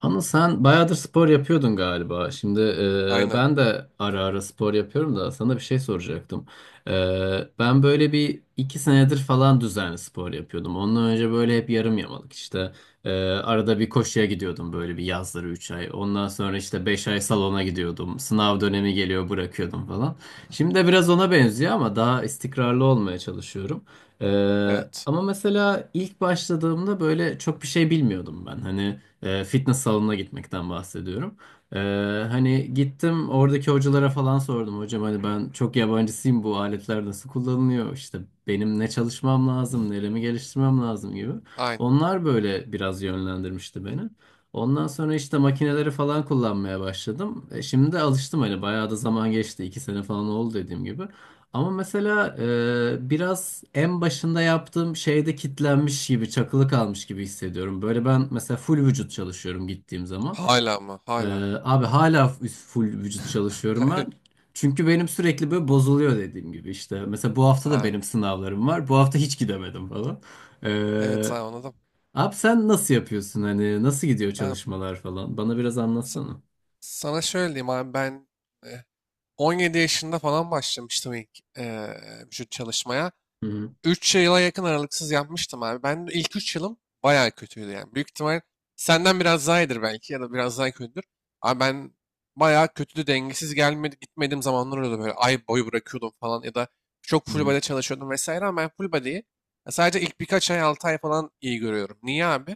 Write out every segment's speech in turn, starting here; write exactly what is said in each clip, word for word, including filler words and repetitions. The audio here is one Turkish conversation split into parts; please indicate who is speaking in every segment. Speaker 1: Ama sen bayağıdır spor yapıyordun galiba. Şimdi e,
Speaker 2: Aynen.
Speaker 1: ben de ara ara spor yapıyorum da sana bir şey soracaktım. E, Ben böyle bir iki senedir falan düzenli spor yapıyordum. Ondan önce böyle hep yarım yamalık işte. E, arada bir koşuya gidiyordum böyle bir yazları üç ay. Ondan sonra işte beş ay salona gidiyordum. Sınav dönemi geliyor bırakıyordum falan. Şimdi de biraz ona benziyor ama daha istikrarlı olmaya çalışıyorum. E,
Speaker 2: Evet.
Speaker 1: Ama mesela ilk başladığımda böyle çok bir şey bilmiyordum ben. Hani... E, fitness salonuna gitmekten bahsediyorum. E, Hani gittim oradaki hocalara falan sordum. Hocam hani ben çok yabancısıyım, bu aletler nasıl kullanılıyor? İşte benim ne çalışmam lazım, neremi geliştirmem lazım gibi.
Speaker 2: Aynen.
Speaker 1: Onlar böyle biraz yönlendirmişti beni. Ondan sonra işte makineleri falan kullanmaya başladım. E, şimdi de alıştım, hani bayağı da zaman geçti. İki sene falan oldu dediğim gibi. Ama mesela e, biraz en başında yaptığım şeyde kitlenmiş gibi, çakılı kalmış gibi hissediyorum. Böyle ben mesela full vücut çalışıyorum gittiğim zaman.
Speaker 2: Hala ama
Speaker 1: E,
Speaker 2: hala.
Speaker 1: Abi hala f- full vücut çalışıyorum
Speaker 2: Hayır.
Speaker 1: ben. Çünkü benim sürekli böyle bozuluyor dediğim gibi işte. Mesela bu hafta da
Speaker 2: Abi.
Speaker 1: benim sınavlarım var. Bu hafta hiç gidemedim falan.
Speaker 2: Evet abi
Speaker 1: E,
Speaker 2: anladım.
Speaker 1: Abi sen nasıl yapıyorsun, hani nasıl gidiyor
Speaker 2: Abi,
Speaker 1: çalışmalar falan? Bana biraz
Speaker 2: sa-
Speaker 1: anlatsana.
Speaker 2: sana şöyle diyeyim abi ben e, on yedi yaşında falan başlamıştım ilk e, vücut çalışmaya.
Speaker 1: Hı
Speaker 2: Üç yıla yakın aralıksız yapmıştım abi. Ben de ilk üç yılım bayağı kötüydü yani. Büyük ihtimal senden biraz daha iyidir belki ya da biraz daha kötüdür. Ama ben bayağı kötüydü, dengesiz gelmedi gitmediğim zamanlar oluyordu, böyle ay boyu bırakıyordum falan ya da çok full
Speaker 1: hı
Speaker 2: body çalışıyordum vesaire, ama ben full body'yi ya sadece ilk birkaç ay, altı ay falan iyi görüyorum. Niye abi?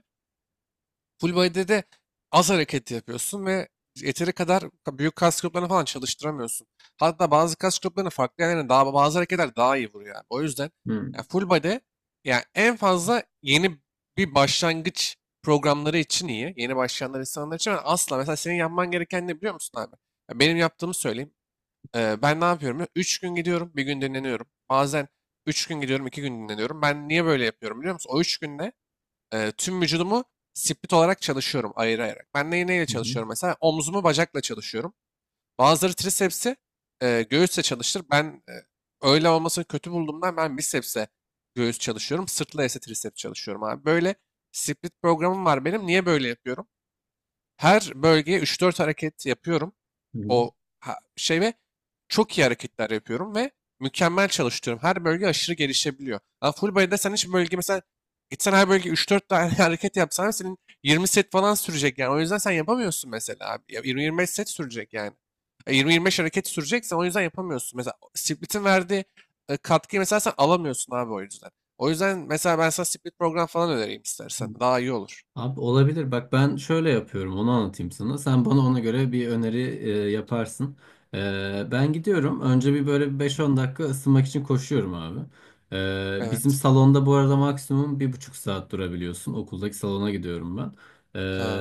Speaker 2: Full body'de de az hareket yapıyorsun ve yeteri kadar büyük kas gruplarını falan çalıştıramıyorsun. Hatta bazı kas gruplarını farklı yerlerine daha bazı hareketler daha iyi vuruyor. Yani. O yüzden
Speaker 1: hı hı
Speaker 2: yani full body yani en fazla yeni bir başlangıç programları için iyi. Yeni başlayanlar insanlar için, ama asla. Mesela senin yapman gereken ne biliyor musun abi? Ya benim yaptığımı söyleyeyim. Ee, ben ne yapıyorum? Üç gün gidiyorum, bir gün dinleniyorum. Bazen üç gün gidiyorum, iki gün dinleniyorum. Ben niye böyle yapıyorum biliyor musun? O üç günde e, tüm vücudumu split olarak çalışıyorum, ayırayarak. Ben neyi neyle
Speaker 1: hı hı.
Speaker 2: çalışıyorum mesela? Omzumu bacakla çalışıyorum. Bazıları trisepsi e, göğüsle çalıştır. Ben e, öyle olmasını kötü bulduğumdan ben bicepsle göğüs çalışıyorum. Sırtla ise triceps çalışıyorum abi. Böyle split programım var benim. Niye böyle yapıyorum? Her bölgeye üç dört hareket yapıyorum
Speaker 1: Hı.
Speaker 2: o ha- şey ve çok iyi hareketler yapıyorum ve mükemmel çalıştırıyorum. Her bölge aşırı gelişebiliyor. Ama full body'de sen hiç bölge mesela gitsen her bölge üç dört tane hareket yapsan senin yirmi set falan sürecek yani. O yüzden sen yapamıyorsun mesela abi. Ya yirmi yirmi beş set sürecek yani. E, yirmi yirmi beş hareket süreceksen o yüzden yapamıyorsun. Mesela split'in verdiği e, katkıyı mesela sen alamıyorsun abi o yüzden. O yüzden mesela ben sana split program falan önereyim istersen. Daha iyi olur.
Speaker 1: Abi olabilir. Bak ben şöyle yapıyorum. Onu anlatayım sana. Sen bana ona göre bir öneri e, yaparsın. E, ben gidiyorum. Önce bir böyle bir beş on dakika ısınmak için koşuyorum abi. E, bizim
Speaker 2: Evet.
Speaker 1: salonda bu arada maksimum bir buçuk saat durabiliyorsun. Okuldaki salona gidiyorum ben.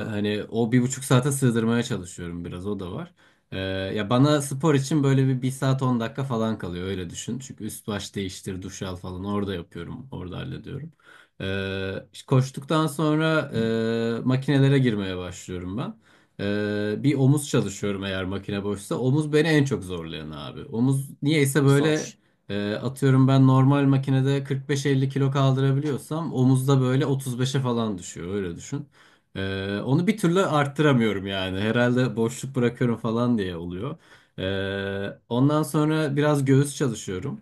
Speaker 1: E, hani o bir buçuk saate sığdırmaya çalışıyorum biraz. O da var. E, Ya bana spor için böyle bir bir saat on dakika falan kalıyor. Öyle düşün. Çünkü üst baş değiştir, duş al falan orada yapıyorum. Orada hallediyorum. Ee, işte koştuktan sonra e, makinelere girmeye başlıyorum ben. Ee, bir omuz çalışıyorum eğer makine boşsa. Omuz beni en çok zorlayan abi. Omuz niyeyse
Speaker 2: zor.
Speaker 1: böyle e, atıyorum ben normal makinede kırk beş elli kilo kaldırabiliyorsam omuzda böyle otuz beşe falan düşüyor, öyle düşün. Ee, onu bir türlü arttıramıyorum yani. Herhalde boşluk bırakıyorum falan diye oluyor. Ee, ondan sonra biraz göğüs çalışıyorum.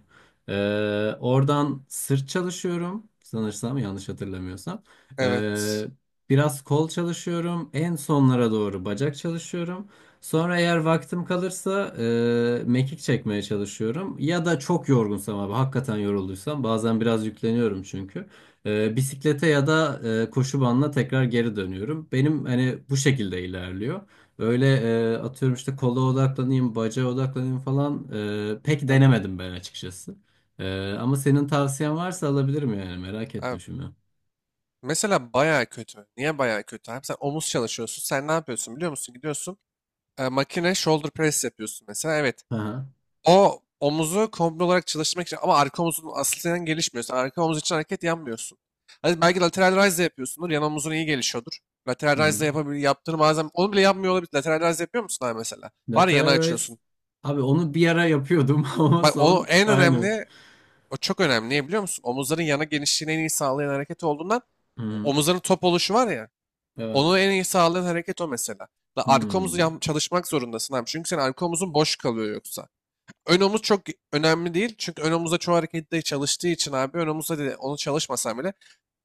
Speaker 1: Ee, oradan sırt çalışıyorum sanırsam, yanlış hatırlamıyorsam.
Speaker 2: Evet.
Speaker 1: Ee, Biraz kol çalışıyorum. En sonlara doğru bacak çalışıyorum. Sonra eğer vaktim kalırsa e, mekik çekmeye çalışıyorum. Ya da çok yorgunsam abi, hakikaten yorulduysam bazen biraz yükleniyorum çünkü. Ee, bisiklete ya da e, koşu bandına tekrar geri dönüyorum. Benim hani bu şekilde ilerliyor. Öyle e, atıyorum işte kola odaklanayım, bacağa odaklanayım falan e, pek
Speaker 2: Yok.
Speaker 1: denemedim ben açıkçası. Ee, ama senin tavsiyen varsa alabilirim, yani merak ettim
Speaker 2: Evet.
Speaker 1: şimdi.
Speaker 2: Mesela bayağı kötü. Niye bayağı kötü abi? Sen omuz çalışıyorsun. Sen ne yapıyorsun biliyor musun? Gidiyorsun e, makine shoulder press yapıyorsun mesela. Evet.
Speaker 1: Aha.
Speaker 2: O omuzu komple olarak çalıştırmak için, ama arka omuzun aslen gelişmiyor. Sen arka omuz için hareket yapmıyorsun. Hadi belki lateral raise de yapıyorsundur. Yan omuzun iyi gelişiyordur. Lateral raise
Speaker 1: Hı.
Speaker 2: de yapabil yaptığını bazen onu bile yapmıyor olabilir. Lateral raise yapıyor musun abi mesela?
Speaker 1: The
Speaker 2: Var ya, yana
Speaker 1: Terrorist.
Speaker 2: açıyorsun.
Speaker 1: Abi onu bir ara yapıyordum ama
Speaker 2: Bak o
Speaker 1: son
Speaker 2: en
Speaker 1: aynen.
Speaker 2: önemli, o çok önemli. Niye biliyor musun? Omuzların yana genişliğini en iyi sağlayan hareket olduğundan,
Speaker 1: Hı.
Speaker 2: omuzların top oluşu var ya. Onu
Speaker 1: Evet.
Speaker 2: en iyi sağlayan hareket o mesela. La arka omuz,
Speaker 1: Hı.
Speaker 2: yan- çalışmak zorundasın abi. Çünkü senin arka omuzun boş kalıyor yoksa. Ön omuz çok önemli değil. Çünkü ön omuzda çoğu harekette çalıştığı için abi, ön omuzda de onu çalışmasam bile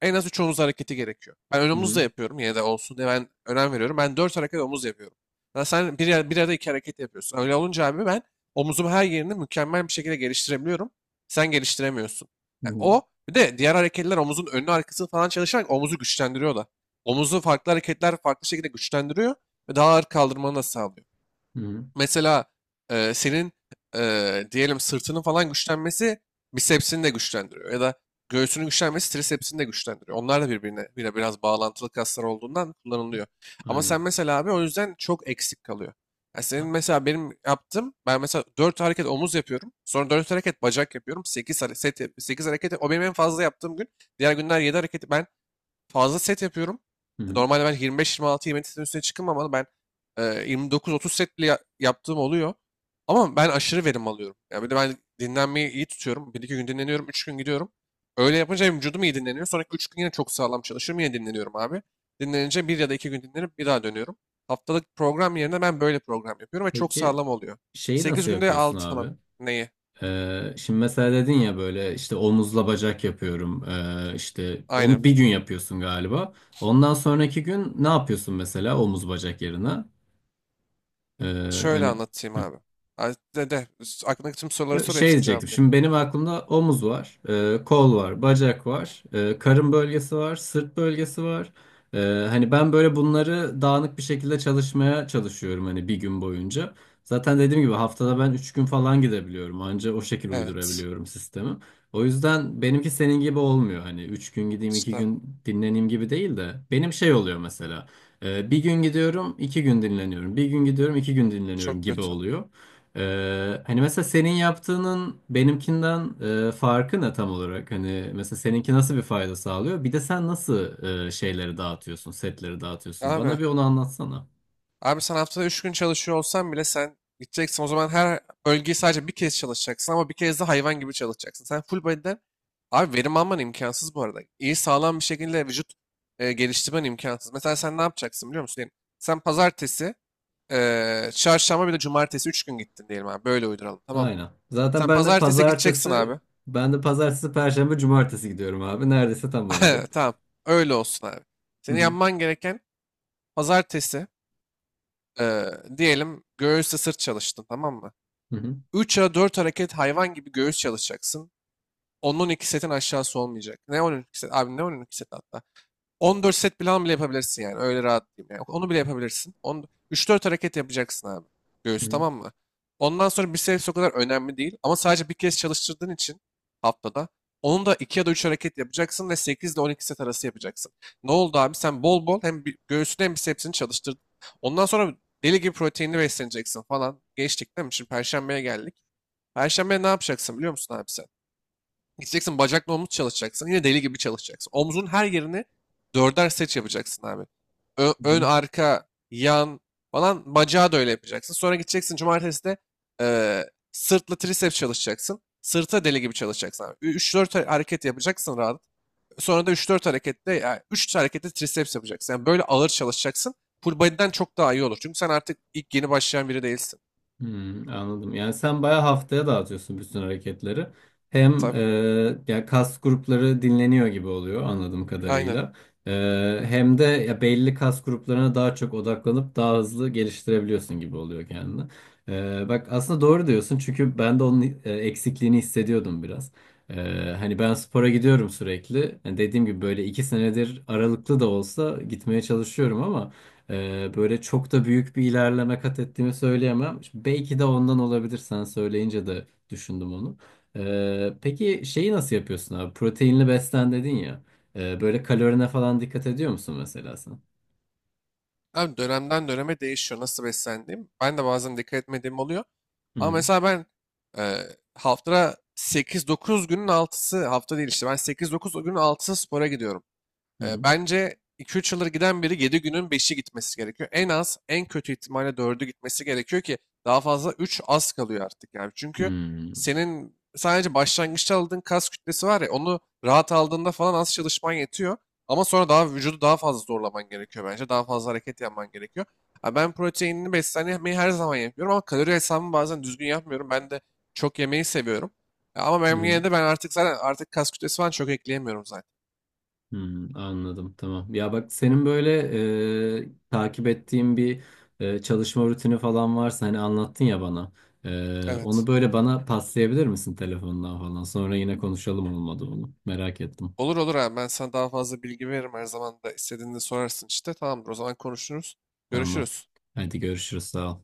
Speaker 2: en az üç omuz hareketi gerekiyor. Ben ön omuz da
Speaker 1: Hı.
Speaker 2: yapıyorum, yine de olsun diye ben önem veriyorum. Ben dört hareket omuz yapıyorum. Ya sen bir, yer- bir arada iki hareket yapıyorsun. Öyle olunca abi ben omuzumu her yerini mükemmel bir şekilde geliştirebiliyorum. Sen geliştiremiyorsun. Yani
Speaker 1: Hı.
Speaker 2: o bir de diğer hareketler omuzun önünü arkasını falan çalışarak omuzu güçlendiriyor da. Omuzu farklı hareketler farklı şekilde güçlendiriyor ve daha ağır kaldırmanı da sağlıyor.
Speaker 1: Hı.
Speaker 2: Mesela e, senin e, diyelim sırtının falan güçlenmesi bisepsini de güçlendiriyor. Ya da göğsünün güçlenmesi trisepsini de güçlendiriyor. Onlar da birbirine bile biraz bağlantılı kaslar olduğundan kullanılıyor. Ama sen
Speaker 1: Aynen.
Speaker 2: mesela abi o yüzden çok eksik kalıyor. Yani senin
Speaker 1: A-.
Speaker 2: mesela benim yaptığım, ben mesela dört hareket omuz yapıyorum. Sonra dört hareket bacak yapıyorum. Sekiz hareket, sekiz hareket o benim en fazla yaptığım gün. Diğer günler yedi hareket. Ben fazla set yapıyorum.
Speaker 1: Hı.
Speaker 2: Normalde ben yirmi beş yirmi altı-yirmi yedi setin üstüne çıkmam, ama ben e, yirmi dokuz otuz set bile ya- yaptığım oluyor. Ama ben aşırı verim alıyorum. Yani bir de ben dinlenmeyi iyi tutuyorum. Bir iki gün dinleniyorum, üç gün gidiyorum. Öyle yapınca hem vücudum iyi dinleniyor. Sonraki üç gün yine çok sağlam çalışıyorum. Yine dinleniyorum abi. Dinlenince bir ya da iki gün dinlenip bir daha dönüyorum. Haftalık program yerine ben böyle program yapıyorum ve çok
Speaker 1: Peki
Speaker 2: sağlam oluyor.
Speaker 1: şeyi
Speaker 2: Sekiz
Speaker 1: nasıl
Speaker 2: günde
Speaker 1: yapıyorsun
Speaker 2: altı
Speaker 1: abi?
Speaker 2: falan. Neyi?
Speaker 1: Ee, şimdi mesela dedin ya, böyle işte omuzla bacak yapıyorum. Ee, işte
Speaker 2: Aynen.
Speaker 1: onu bir gün yapıyorsun galiba. Ondan sonraki gün ne yapıyorsun mesela omuz bacak yerine? Ee,
Speaker 2: Şöyle
Speaker 1: hani.
Speaker 2: anlatayım abi. Ha, de, de. Aklındaki tüm soruları sor,
Speaker 1: Şey
Speaker 2: hepsini
Speaker 1: diyecektim.
Speaker 2: cevaplayayım.
Speaker 1: Şimdi benim aklımda omuz var, e, kol var, bacak var, e, karın bölgesi var, sırt bölgesi var. E, Hani ben böyle bunları dağınık bir şekilde çalışmaya çalışıyorum, hani bir gün boyunca. Zaten dediğim gibi haftada ben üç gün falan gidebiliyorum. Anca o şekil
Speaker 2: Evet.
Speaker 1: uydurabiliyorum sistemi. O yüzden benimki senin gibi olmuyor. Hani üç gün gideyim, iki
Speaker 2: İşte
Speaker 1: gün dinleneyim gibi değil de. Benim şey oluyor mesela. E, bir gün gidiyorum, iki gün dinleniyorum. Bir gün gidiyorum, iki gün dinleniyorum
Speaker 2: çok
Speaker 1: gibi
Speaker 2: kötü.
Speaker 1: oluyor. Ee, hani mesela senin yaptığının benimkinden e, farkı ne tam olarak? Hani mesela seninki nasıl bir fayda sağlıyor? Bir de sen nasıl e, şeyleri dağıtıyorsun, setleri dağıtıyorsun? Bana
Speaker 2: Abi,
Speaker 1: bir onu anlatsana.
Speaker 2: abi sen haftada üç gün çalışıyor olsan bile sen gideceksin. O zaman her bölgeyi sadece bir kez çalışacaksın, ama bir kez de hayvan gibi çalışacaksın. Sen full body'den abi verim alman imkansız bu arada. İyi sağlam bir şekilde vücut e, geliştirmen imkansız. Mesela sen ne yapacaksın biliyor musun? Diyelim, sen pazartesi, e, çarşamba bir de cumartesi üç gün gittin diyelim abi. Böyle uyduralım, tamam mı?
Speaker 1: Aynen. Zaten
Speaker 2: Sen
Speaker 1: ben de
Speaker 2: pazartesi gideceksin
Speaker 1: pazartesi,
Speaker 2: abi.
Speaker 1: Ben de pazartesi, perşembe, cumartesi gidiyorum abi. Neredeyse tam oldu.
Speaker 2: Tamam. Öyle olsun abi.
Speaker 1: Hı
Speaker 2: Senin
Speaker 1: hı.
Speaker 2: yapman gereken pazartesi, Ee, diyelim göğüsle sırt çalıştın, tamam mı?
Speaker 1: Hı hı.
Speaker 2: Üç ya dört hareket hayvan gibi göğüs çalışacaksın. on iki setin aşağısı olmayacak. Ne on iki set? Abi ne on iki set hatta? on dört set plan bile yapabilirsin yani. Öyle rahat diyeyim. Yani. Onu bile yapabilirsin. üç dört hareket yapacaksın abi. Göğüs tamam mı? Ondan sonra biceps o kadar önemli değil. Ama sadece bir kez çalıştırdığın için haftada onu da iki ya da üç hareket yapacaksın ve sekiz ile on iki set arası yapacaksın. Ne oldu abi? Sen bol bol hem bi- göğsünü hem bicepsini çalıştırdın. Ondan sonra deli gibi proteinli besleneceksin falan. Geçtik değil mi? Şimdi Perşembe'ye geldik. Perşembe ne yapacaksın biliyor musun abi sen? Gideceksin bacakla omuz çalışacaksın. Yine deli gibi çalışacaksın. Omzun her yerini dörder set yapacaksın abi. Ö-
Speaker 1: Hı
Speaker 2: ön,
Speaker 1: hı.
Speaker 2: arka, yan falan, bacağı da öyle yapacaksın. Sonra gideceksin cumartesi de eee, sırtla triceps çalışacaksın. Sırta deli gibi çalışacaksın abi. Ü- üç dört 4 hareket yapacaksın rahat. Sonra da üç dört harekette, yani üç harekette triceps yapacaksın. Yani böyle ağır çalışacaksın. Full body'den çok daha iyi olur. Çünkü sen artık ilk yeni başlayan biri değilsin.
Speaker 1: Hmm, anladım. Yani sen bayağı haftaya dağıtıyorsun bütün hareketleri. Hem
Speaker 2: Tabii.
Speaker 1: e, ya kas grupları dinleniyor gibi oluyor, anladığım
Speaker 2: Aynen.
Speaker 1: kadarıyla. E, Hem de ya belli kas gruplarına daha çok odaklanıp daha hızlı geliştirebiliyorsun gibi oluyor kendini. E, bak aslında doğru diyorsun, çünkü ben de onun e, eksikliğini hissediyordum biraz. E, hani ben spora gidiyorum sürekli. Yani dediğim gibi böyle iki senedir aralıklı da olsa gitmeye çalışıyorum ama. Ee, böyle çok da büyük bir ilerleme kat ettiğimi söyleyemem. Şimdi belki de ondan olabilir, sen söyleyince de düşündüm onu. Ee, peki şeyi nasıl yapıyorsun abi? Proteinli beslen dedin ya. Ee, böyle kalorine falan dikkat ediyor musun mesela sen?
Speaker 2: Abi dönemden döneme değişiyor nasıl beslendiğim. Ben de bazen dikkat etmediğim oluyor.
Speaker 1: Hı
Speaker 2: Ama
Speaker 1: hı.
Speaker 2: mesela ben e, haftada sekiz dokuz günün altısı, hafta değil işte, ben sekiz dokuz günün altısı spora gidiyorum.
Speaker 1: Hı
Speaker 2: Ee, bence iki üç yıldır giden biri yedi günün beşi gitmesi gerekiyor. En az en kötü ihtimalle dördü gitmesi gerekiyor ki daha fazla üç az kalıyor artık yani.
Speaker 1: hı.
Speaker 2: Çünkü senin sadece başlangıçta aldığın kas kütlesi var ya, onu rahat aldığında falan az çalışman yetiyor. Ama sonra daha vücudu daha fazla zorlaman gerekiyor bence. Daha fazla hareket yapman gerekiyor. Ha, ben proteinini beslenmeyi her zaman yapıyorum, ama kalori hesabımı bazen düzgün yapmıyorum. Ben de çok yemeyi seviyorum. Ya, ama ben
Speaker 1: Hı hı.
Speaker 2: yine de ben artık, zaten artık kas kütlesi falan çok ekleyemiyorum zaten.
Speaker 1: Hmm, anladım, tamam. Ya bak senin böyle e, takip ettiğin bir e, çalışma rutini falan varsa, hani anlattın ya bana. E, onu
Speaker 2: Evet.
Speaker 1: böyle bana paslayabilir misin telefondan falan? Sonra yine konuşalım olmadı onu. Merak ettim.
Speaker 2: Olur olur abi, ben sana daha fazla bilgi veririm, her zaman da istediğinde sorarsın işte. Tamamdır, o zaman konuşuruz.
Speaker 1: Tamam.
Speaker 2: Görüşürüz.
Speaker 1: Hadi görüşürüz, sağ ol.